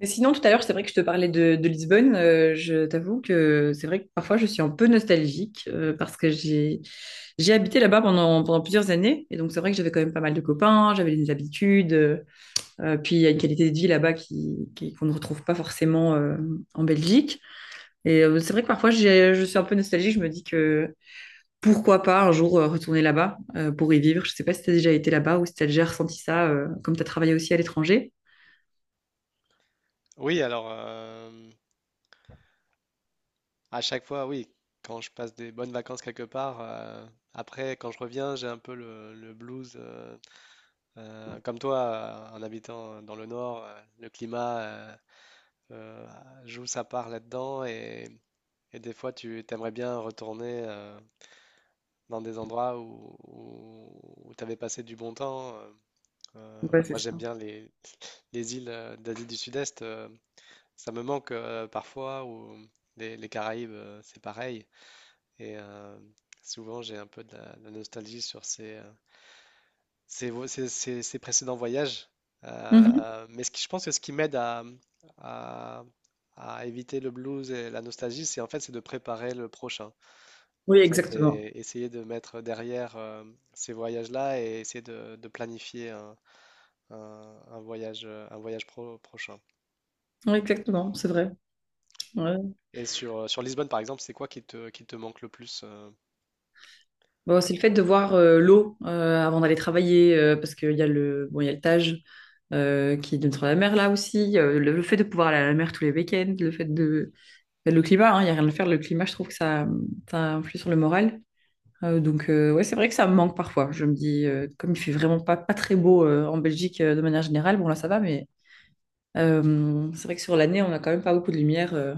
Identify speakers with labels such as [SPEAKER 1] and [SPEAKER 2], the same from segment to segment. [SPEAKER 1] Mais sinon, tout à l'heure, c'est vrai que je te parlais de Lisbonne. Je t'avoue que c'est vrai que parfois, je suis un peu nostalgique parce que j'ai habité là-bas pendant plusieurs années. Et donc, c'est vrai que j'avais quand même pas mal de copains, j'avais des habitudes. Puis, il y a une qualité de vie là-bas qu'on ne retrouve pas forcément en Belgique. Et c'est vrai que parfois, je suis un peu nostalgique. Je me dis que pourquoi pas un jour retourner là-bas pour y vivre. Je sais pas si tu as déjà été là-bas ou si tu as déjà ressenti ça, comme tu as travaillé aussi à l'étranger.
[SPEAKER 2] Oui, alors à chaque fois, oui, quand je passe des bonnes vacances quelque part, après quand je reviens, j'ai un peu le blues, comme toi, en habitant dans le nord, le climat euh, joue sa part là-dedans et des fois tu t'aimerais bien retourner dans des endroits où tu avais passé du bon temps.
[SPEAKER 1] Ouais, c'est
[SPEAKER 2] Moi, j'aime
[SPEAKER 1] ça.
[SPEAKER 2] bien les îles d'Asie du Sud-Est, ça me manque parfois, ou les Caraïbes, c'est pareil. Et euh, Souvent, j'ai un peu de la nostalgie sur ces, ces, vo- ces- ces- ces précédents voyages.
[SPEAKER 1] Mhm.
[SPEAKER 2] Mais je pense que ce qui m'aide à- à éviter le blues et la nostalgie, c'est en fait c'est de préparer le prochain. En
[SPEAKER 1] Oui,
[SPEAKER 2] fait,
[SPEAKER 1] exactement.
[SPEAKER 2] et essayer de mettre derrière ces voyages-là et essayer de planifier un voyage, prochain.
[SPEAKER 1] Oui, exactement, c'est vrai. Ouais.
[SPEAKER 2] Et sur Lisbonne, par exemple, c'est quoi qui te manque le plus?
[SPEAKER 1] Bon, c'est le fait de voir l'eau avant d'aller travailler, parce qu'il y a le, bon, il y a le Tage qui donne sur la mer là aussi. Le fait de pouvoir aller à la mer tous les week-ends, le fait de, le climat, hein, il n'y a rien à faire. Le climat, je trouve que ça influe sur le moral. Donc, ouais, c'est vrai que ça me manque parfois. Je me dis, comme il fait vraiment pas très beau en Belgique de manière générale, bon, là, ça va, mais c'est vrai que sur l'année, on n'a quand même pas beaucoup de lumière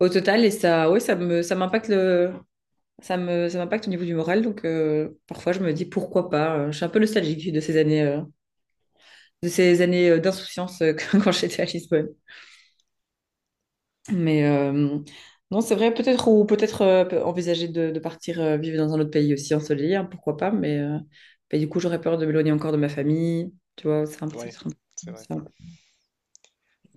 [SPEAKER 1] au total. Et ça, ouais, ça m'impacte le. Ça m'impacte au niveau du moral, donc parfois je me dis pourquoi pas. Je suis un peu nostalgique de ces années, d'insouciance quand j'étais à Lisbonne. Mais non, c'est vrai, peut-être envisager de partir vivre dans un autre pays aussi ensoleillé, hein, pourquoi pas, mais du coup, j'aurais peur de m'éloigner encore de ma famille, tu vois,
[SPEAKER 2] Ouais, c'est vrai.
[SPEAKER 1] c'est un peu-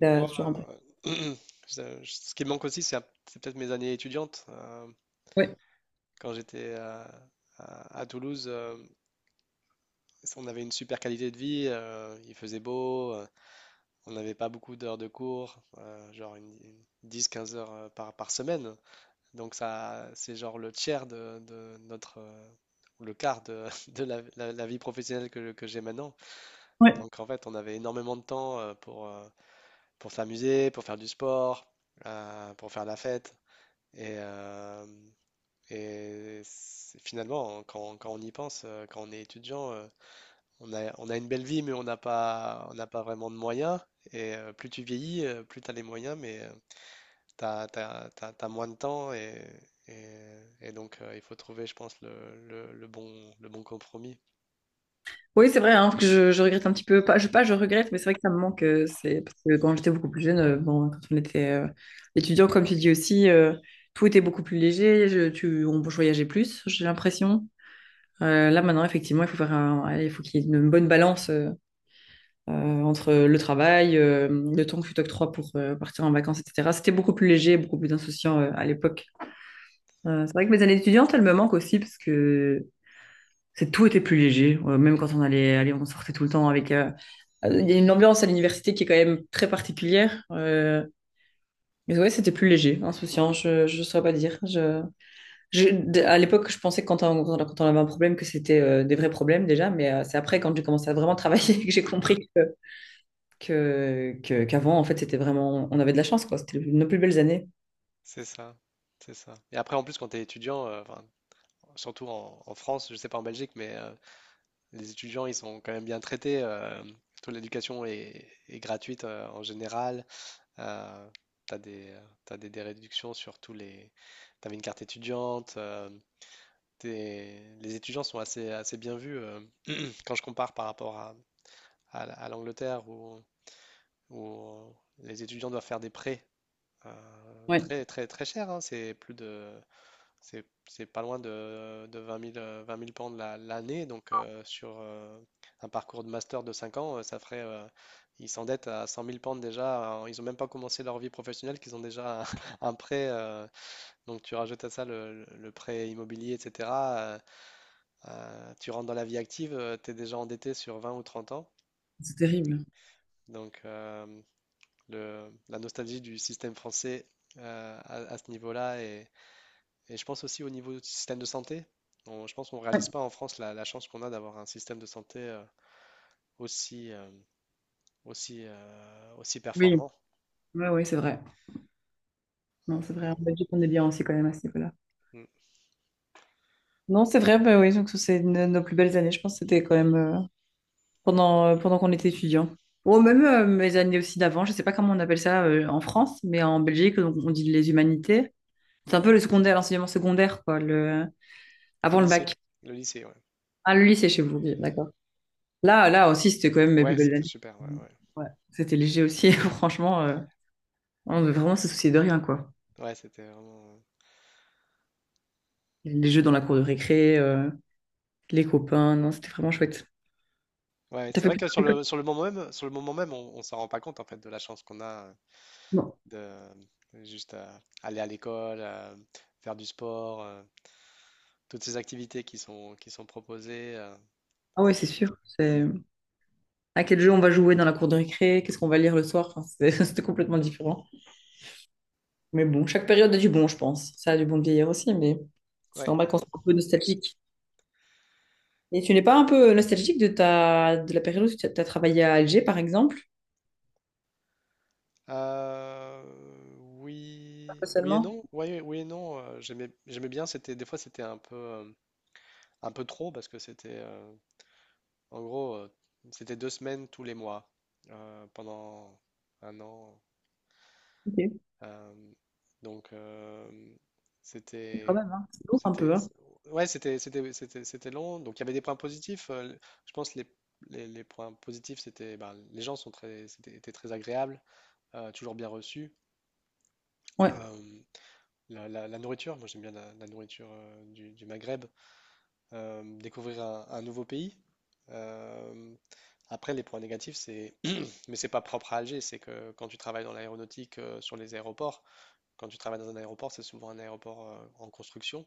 [SPEAKER 1] ça toujours un peu.
[SPEAKER 2] euh, ce qui me manque aussi, c'est peut-être mes années étudiantes.
[SPEAKER 1] Ouais.
[SPEAKER 2] Quand j'étais à Toulouse, on avait une super qualité de vie, il faisait beau, on n'avait pas beaucoup d'heures de cours, genre une 10-15 heures par semaine. Donc ça, c'est genre le tiers de notre, ou le quart de la vie professionnelle que j'ai maintenant.
[SPEAKER 1] Ouais.
[SPEAKER 2] Donc en fait, on avait énormément de temps pour s'amuser, pour faire du sport, pour faire la fête. Et, euh, et finalement, quand on y pense, quand on est étudiant, on a une belle vie, mais on n'a pas vraiment de moyens. Et plus tu vieillis, plus tu as les moyens, mais tu as moins de temps. Donc, il faut trouver, je pense, le bon compromis.
[SPEAKER 1] Oui, c'est vrai hein, que je regrette un petit peu, pas je, pas je regrette, mais c'est vrai que ça me manque, c'est parce que quand j'étais beaucoup plus jeune, bon, quand on était étudiant, comme tu dis aussi, tout était beaucoup plus léger, on voyageait plus, j'ai l'impression. Là maintenant, effectivement, il faut qu'il y ait une bonne balance. Entre le travail, le temps que tu t'octroies pour partir en vacances, etc. C'était beaucoup plus léger, beaucoup plus insouciant à l'époque. C'est vrai que mes années étudiantes, elles me manquent aussi parce que c'est tout était plus léger. Même quand on sortait tout le temps avec. Il y a une ambiance à l'université qui est quand même très particulière. Mais ouais, c'était plus léger, insouciant. Je saurais pas dire. À l'époque, je pensais que quand on avait un problème que c'était des vrais problèmes déjà, mais c'est après quand j'ai commencé à vraiment travailler que j'ai compris qu'avant, en fait, c'était vraiment, on avait de la chance, quoi. C'était nos plus belles années.
[SPEAKER 2] C'est ça, c'est ça. Et après, en plus, quand tu es étudiant, enfin, surtout en France, je sais pas en Belgique, mais les étudiants ils sont quand même bien traités. Surtout l'éducation est gratuite en général. Euh, t'as des réductions sur tous les. T'avais une carte étudiante. Les étudiants sont assez bien vus. Quand je compare par rapport à l'Angleterre où les étudiants doivent faire des prêts
[SPEAKER 1] Ouais,
[SPEAKER 2] très, très, très chers, hein, c'est pas loin de 20 000, 20 000 pounds l'année. Donc, sur un parcours de master de 5 ans, ça ferait. Ils s'endettent à 100 000 pounds déjà. Ils ont même pas commencé leur vie professionnelle, qu'ils ont déjà un prêt. Donc, tu rajoutes à ça prêt immobilier, etc. euh, Tu rentres dans la vie active, tu es déjà endetté sur 20 ou 30 ans.
[SPEAKER 1] c'est terrible.
[SPEAKER 2] Donc, la nostalgie du système français à ce niveau-là. Et je pense aussi au niveau du système de santé. Je pense qu'on ne
[SPEAKER 1] Ouais.
[SPEAKER 2] réalise pas en France la chance qu'on a d'avoir un système de santé aussi, euh, aussi
[SPEAKER 1] Oui,
[SPEAKER 2] performant.
[SPEAKER 1] ouais, ouais, c'est vrai.
[SPEAKER 2] Euh,
[SPEAKER 1] Non, c'est vrai. En Belgique, on est bien aussi quand même à ce niveau-là.
[SPEAKER 2] mm.
[SPEAKER 1] Non, c'est vrai, bah oui, donc c'est nos plus belles années, je pense que c'était quand même pendant, pendant qu'on était étudiant. Ou même mes années aussi d'avant, je sais pas comment on appelle ça en France, mais en Belgique, donc, on dit les humanités. C'est un peu le secondaire, l'enseignement secondaire, quoi, le
[SPEAKER 2] Le
[SPEAKER 1] avant le
[SPEAKER 2] lycée,
[SPEAKER 1] bac.
[SPEAKER 2] le lycée, ouais.
[SPEAKER 1] Ah, le lycée chez vous, oui, d'accord. Là aussi, c'était quand même mes plus
[SPEAKER 2] Ouais,
[SPEAKER 1] belles
[SPEAKER 2] c'était
[SPEAKER 1] années.
[SPEAKER 2] super, ouais, ouais.
[SPEAKER 1] Ouais. C'était léger aussi, franchement. On devait vraiment se soucier de rien, quoi.
[SPEAKER 2] Ouais, c'était vraiment.
[SPEAKER 1] Les jeux dans la cour de récré, les copains, non, c'était vraiment chouette.
[SPEAKER 2] Ouais,
[SPEAKER 1] T'as
[SPEAKER 2] c'est
[SPEAKER 1] fait
[SPEAKER 2] vrai
[SPEAKER 1] plus
[SPEAKER 2] que
[SPEAKER 1] de trucs.
[SPEAKER 2] sur le moment même, sur le moment même, on s'en rend pas compte en fait de la chance qu'on a
[SPEAKER 1] Non.
[SPEAKER 2] de juste aller à l'école, faire du sport, toutes ces activités qui sont proposées.
[SPEAKER 1] Ah ouais, c'est sûr. C'est à quel jeu on va jouer dans la cour de récré, qu'est-ce qu'on va lire le soir. Enfin, c'était complètement différent. Mais bon, chaque période a du bon, je pense. Ça a du bon de vieillir aussi, mais c'est
[SPEAKER 2] Ouais.
[SPEAKER 1] normal qu'on soit un peu nostalgique. Et tu n'es pas un peu nostalgique de la période où tu as travaillé à Alger, par exemple?
[SPEAKER 2] Euh,
[SPEAKER 1] Pas
[SPEAKER 2] oui, oui et
[SPEAKER 1] seulement.
[SPEAKER 2] non. Ouais, oui et non. J'aimais j'aimais bien. C'était des fois c'était un peu trop parce que en gros, c'était 2 semaines tous les mois pendant 1 an.
[SPEAKER 1] Ok,
[SPEAKER 2] Euh, donc
[SPEAKER 1] quand
[SPEAKER 2] c'était,
[SPEAKER 1] même, hein. C'est lourd un
[SPEAKER 2] c'était,
[SPEAKER 1] peu, hein.
[SPEAKER 2] ouais, c'était long. Donc il y avait des points positifs. Je pense les points positifs c'était, ben, les gens sont étaient très agréables, toujours bien reçus.
[SPEAKER 1] Ouais,
[SPEAKER 2] Euh, la la- nourriture, moi j'aime bien la nourriture du Maghreb. Découvrir un nouveau pays. Euh, Après, les points négatifs, mais c'est pas propre à Alger, c'est que quand tu travailles dans l'aéronautique, sur les aéroports, quand tu travailles dans un aéroport, c'est souvent un aéroport en construction.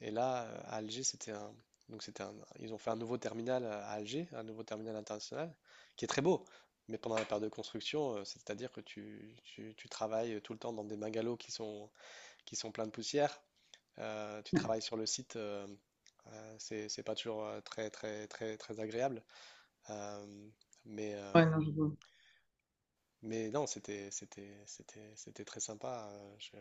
[SPEAKER 2] Et là, à Alger, c'était un, donc c'était un- ils ont fait un nouveau terminal à Alger, un nouveau terminal international, qui est très beau. Mais pendant la période de construction, c'est-à-dire que tu travailles tout le temps dans des bungalows qui sont pleins de poussière. Tu travailles sur le site, c'est pas toujours très très très très agréable. Euh, mais
[SPEAKER 1] ouais,
[SPEAKER 2] euh,
[SPEAKER 1] non, je vois.
[SPEAKER 2] mais non, c'était très sympa.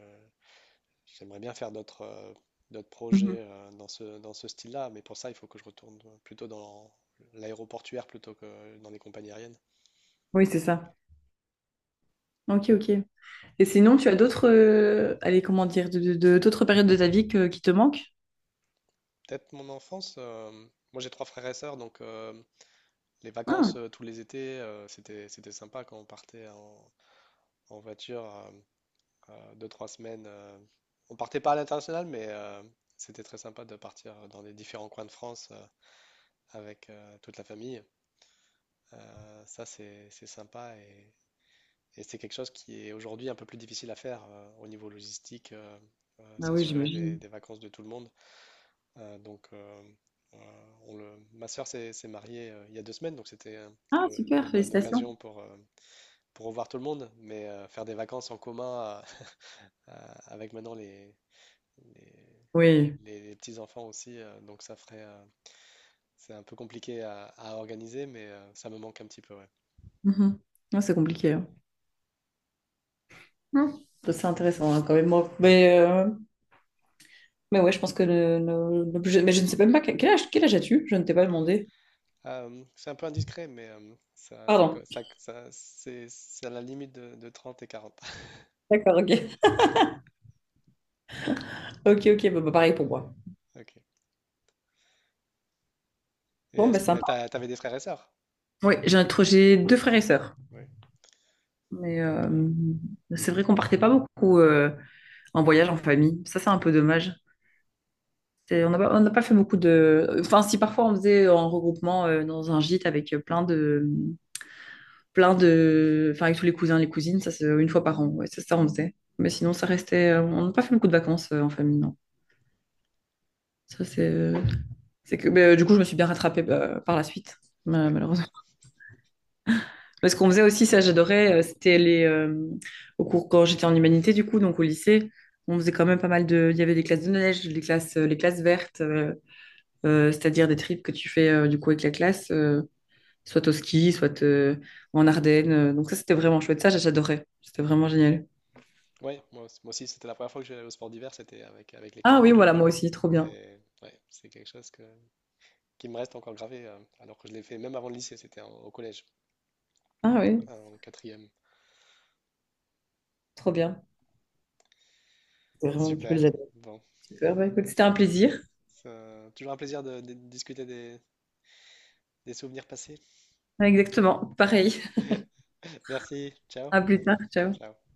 [SPEAKER 2] J'aimerais bien faire d'autres
[SPEAKER 1] Mhm.
[SPEAKER 2] projets dans ce style-là, mais pour ça, il faut que je retourne plutôt dans l'aéroportuaire plutôt que dans les compagnies aériennes.
[SPEAKER 1] Oui, c'est ça. Ok, ok. Et sinon, tu as d'autres, allez, comment dire, d'autres périodes de ta vie qui te manquent?
[SPEAKER 2] Peut-être mon enfance. Moi, j'ai trois frères et sœurs, donc les vacances
[SPEAKER 1] Ah,
[SPEAKER 2] tous les étés, c'était sympa quand on partait en voiture. 2, 3 semaines. On partait pas à l'international, mais c'était très sympa de partir dans les différents coins de France avec toute la famille. Ça, c'est sympa et c'est quelque chose qui est aujourd'hui un peu plus difficile à faire au niveau logistique,
[SPEAKER 1] ah oui,
[SPEAKER 2] s'assurer
[SPEAKER 1] j'imagine.
[SPEAKER 2] des vacances de tout le monde. Euh, donc, euh, Ma sœur s'est mariée il y a 2 semaines, donc c'était
[SPEAKER 1] Ah, super,
[SPEAKER 2] la bonne
[SPEAKER 1] félicitations.
[SPEAKER 2] occasion pour revoir tout le monde, mais faire des vacances en commun avec maintenant les-
[SPEAKER 1] Oui.
[SPEAKER 2] les petits-enfants aussi, c'est un peu compliqué à organiser, mais ça me manque un petit peu, ouais.
[SPEAKER 1] Mhm. Ouais, c'est compliqué. Hein. Hmm. Ça, c'est intéressant hein, quand même. Moi. Mais ouais, je pense que l'objet. Mais je ne sais même pas quel âge, quel âge as-tu? Je ne t'ai pas demandé.
[SPEAKER 2] C'est un peu indiscret, mais ça, ça,
[SPEAKER 1] Pardon.
[SPEAKER 2] co- ça- ça- c'est à la limite de 30 et 40
[SPEAKER 1] D'accord, ok. Ok, ok, bah, bah, pareil pour moi.
[SPEAKER 2] Ok. Et
[SPEAKER 1] Bon,
[SPEAKER 2] est-ce
[SPEAKER 1] bah
[SPEAKER 2] que bah,
[SPEAKER 1] sympa.
[SPEAKER 2] t'avais des frères et sœurs?
[SPEAKER 1] Oui, j'ai deux frères et sœurs.
[SPEAKER 2] Oui.
[SPEAKER 1] Mais
[SPEAKER 2] Donc,
[SPEAKER 1] c'est vrai qu'on partait pas beaucoup en voyage en famille. Ça, c'est un peu dommage. On n'a pas fait beaucoup de. Enfin, si parfois on faisait en regroupement dans un gîte avec plein de plein de. Enfin, avec tous les cousins, les cousines, ça, c'est une fois par an. Ouais, c'est ça, on faisait. Mais sinon, ça restait. On n'a pas fait beaucoup de vacances en famille, non. Ça, c'est. C'est que. Mais, du coup, je me suis bien rattrapée bah, par la suite,
[SPEAKER 2] ouais.
[SPEAKER 1] malheureusement. Mais ce qu'on faisait aussi, ça, j'adorais, c'était les. Au cours, quand j'étais en humanité, du coup, donc au lycée, on faisait quand même pas mal de. Il y avait des classes de neige, les classes vertes. C'est-à-dire des trips que tu fais du coup avec la classe, soit au ski, soit en Ardennes. Donc ça, c'était vraiment chouette. Ça, j'adorais. C'était vraiment génial.
[SPEAKER 2] Ouais, moi aussi, moi aussi, c'était la première fois que j'allais au sport d'hiver, c'était avec
[SPEAKER 1] Ah
[SPEAKER 2] l'école.
[SPEAKER 1] oui, voilà, moi aussi, trop bien.
[SPEAKER 2] Et ouais, c'est quelque chose qui me reste encore gravé, alors que je l'ai fait même avant le lycée, c'était au collège,
[SPEAKER 1] Ah oui,
[SPEAKER 2] en quatrième.
[SPEAKER 1] trop bien. C'était vraiment, tu peux le
[SPEAKER 2] Super.
[SPEAKER 1] j'adore.
[SPEAKER 2] Bon,
[SPEAKER 1] Super, bah, écoute, c'était un plaisir.
[SPEAKER 2] c'est toujours un plaisir de discuter des souvenirs passés.
[SPEAKER 1] Exactement, pareil.
[SPEAKER 2] Merci, ciao,
[SPEAKER 1] À plus tard, ciao.
[SPEAKER 2] ciao.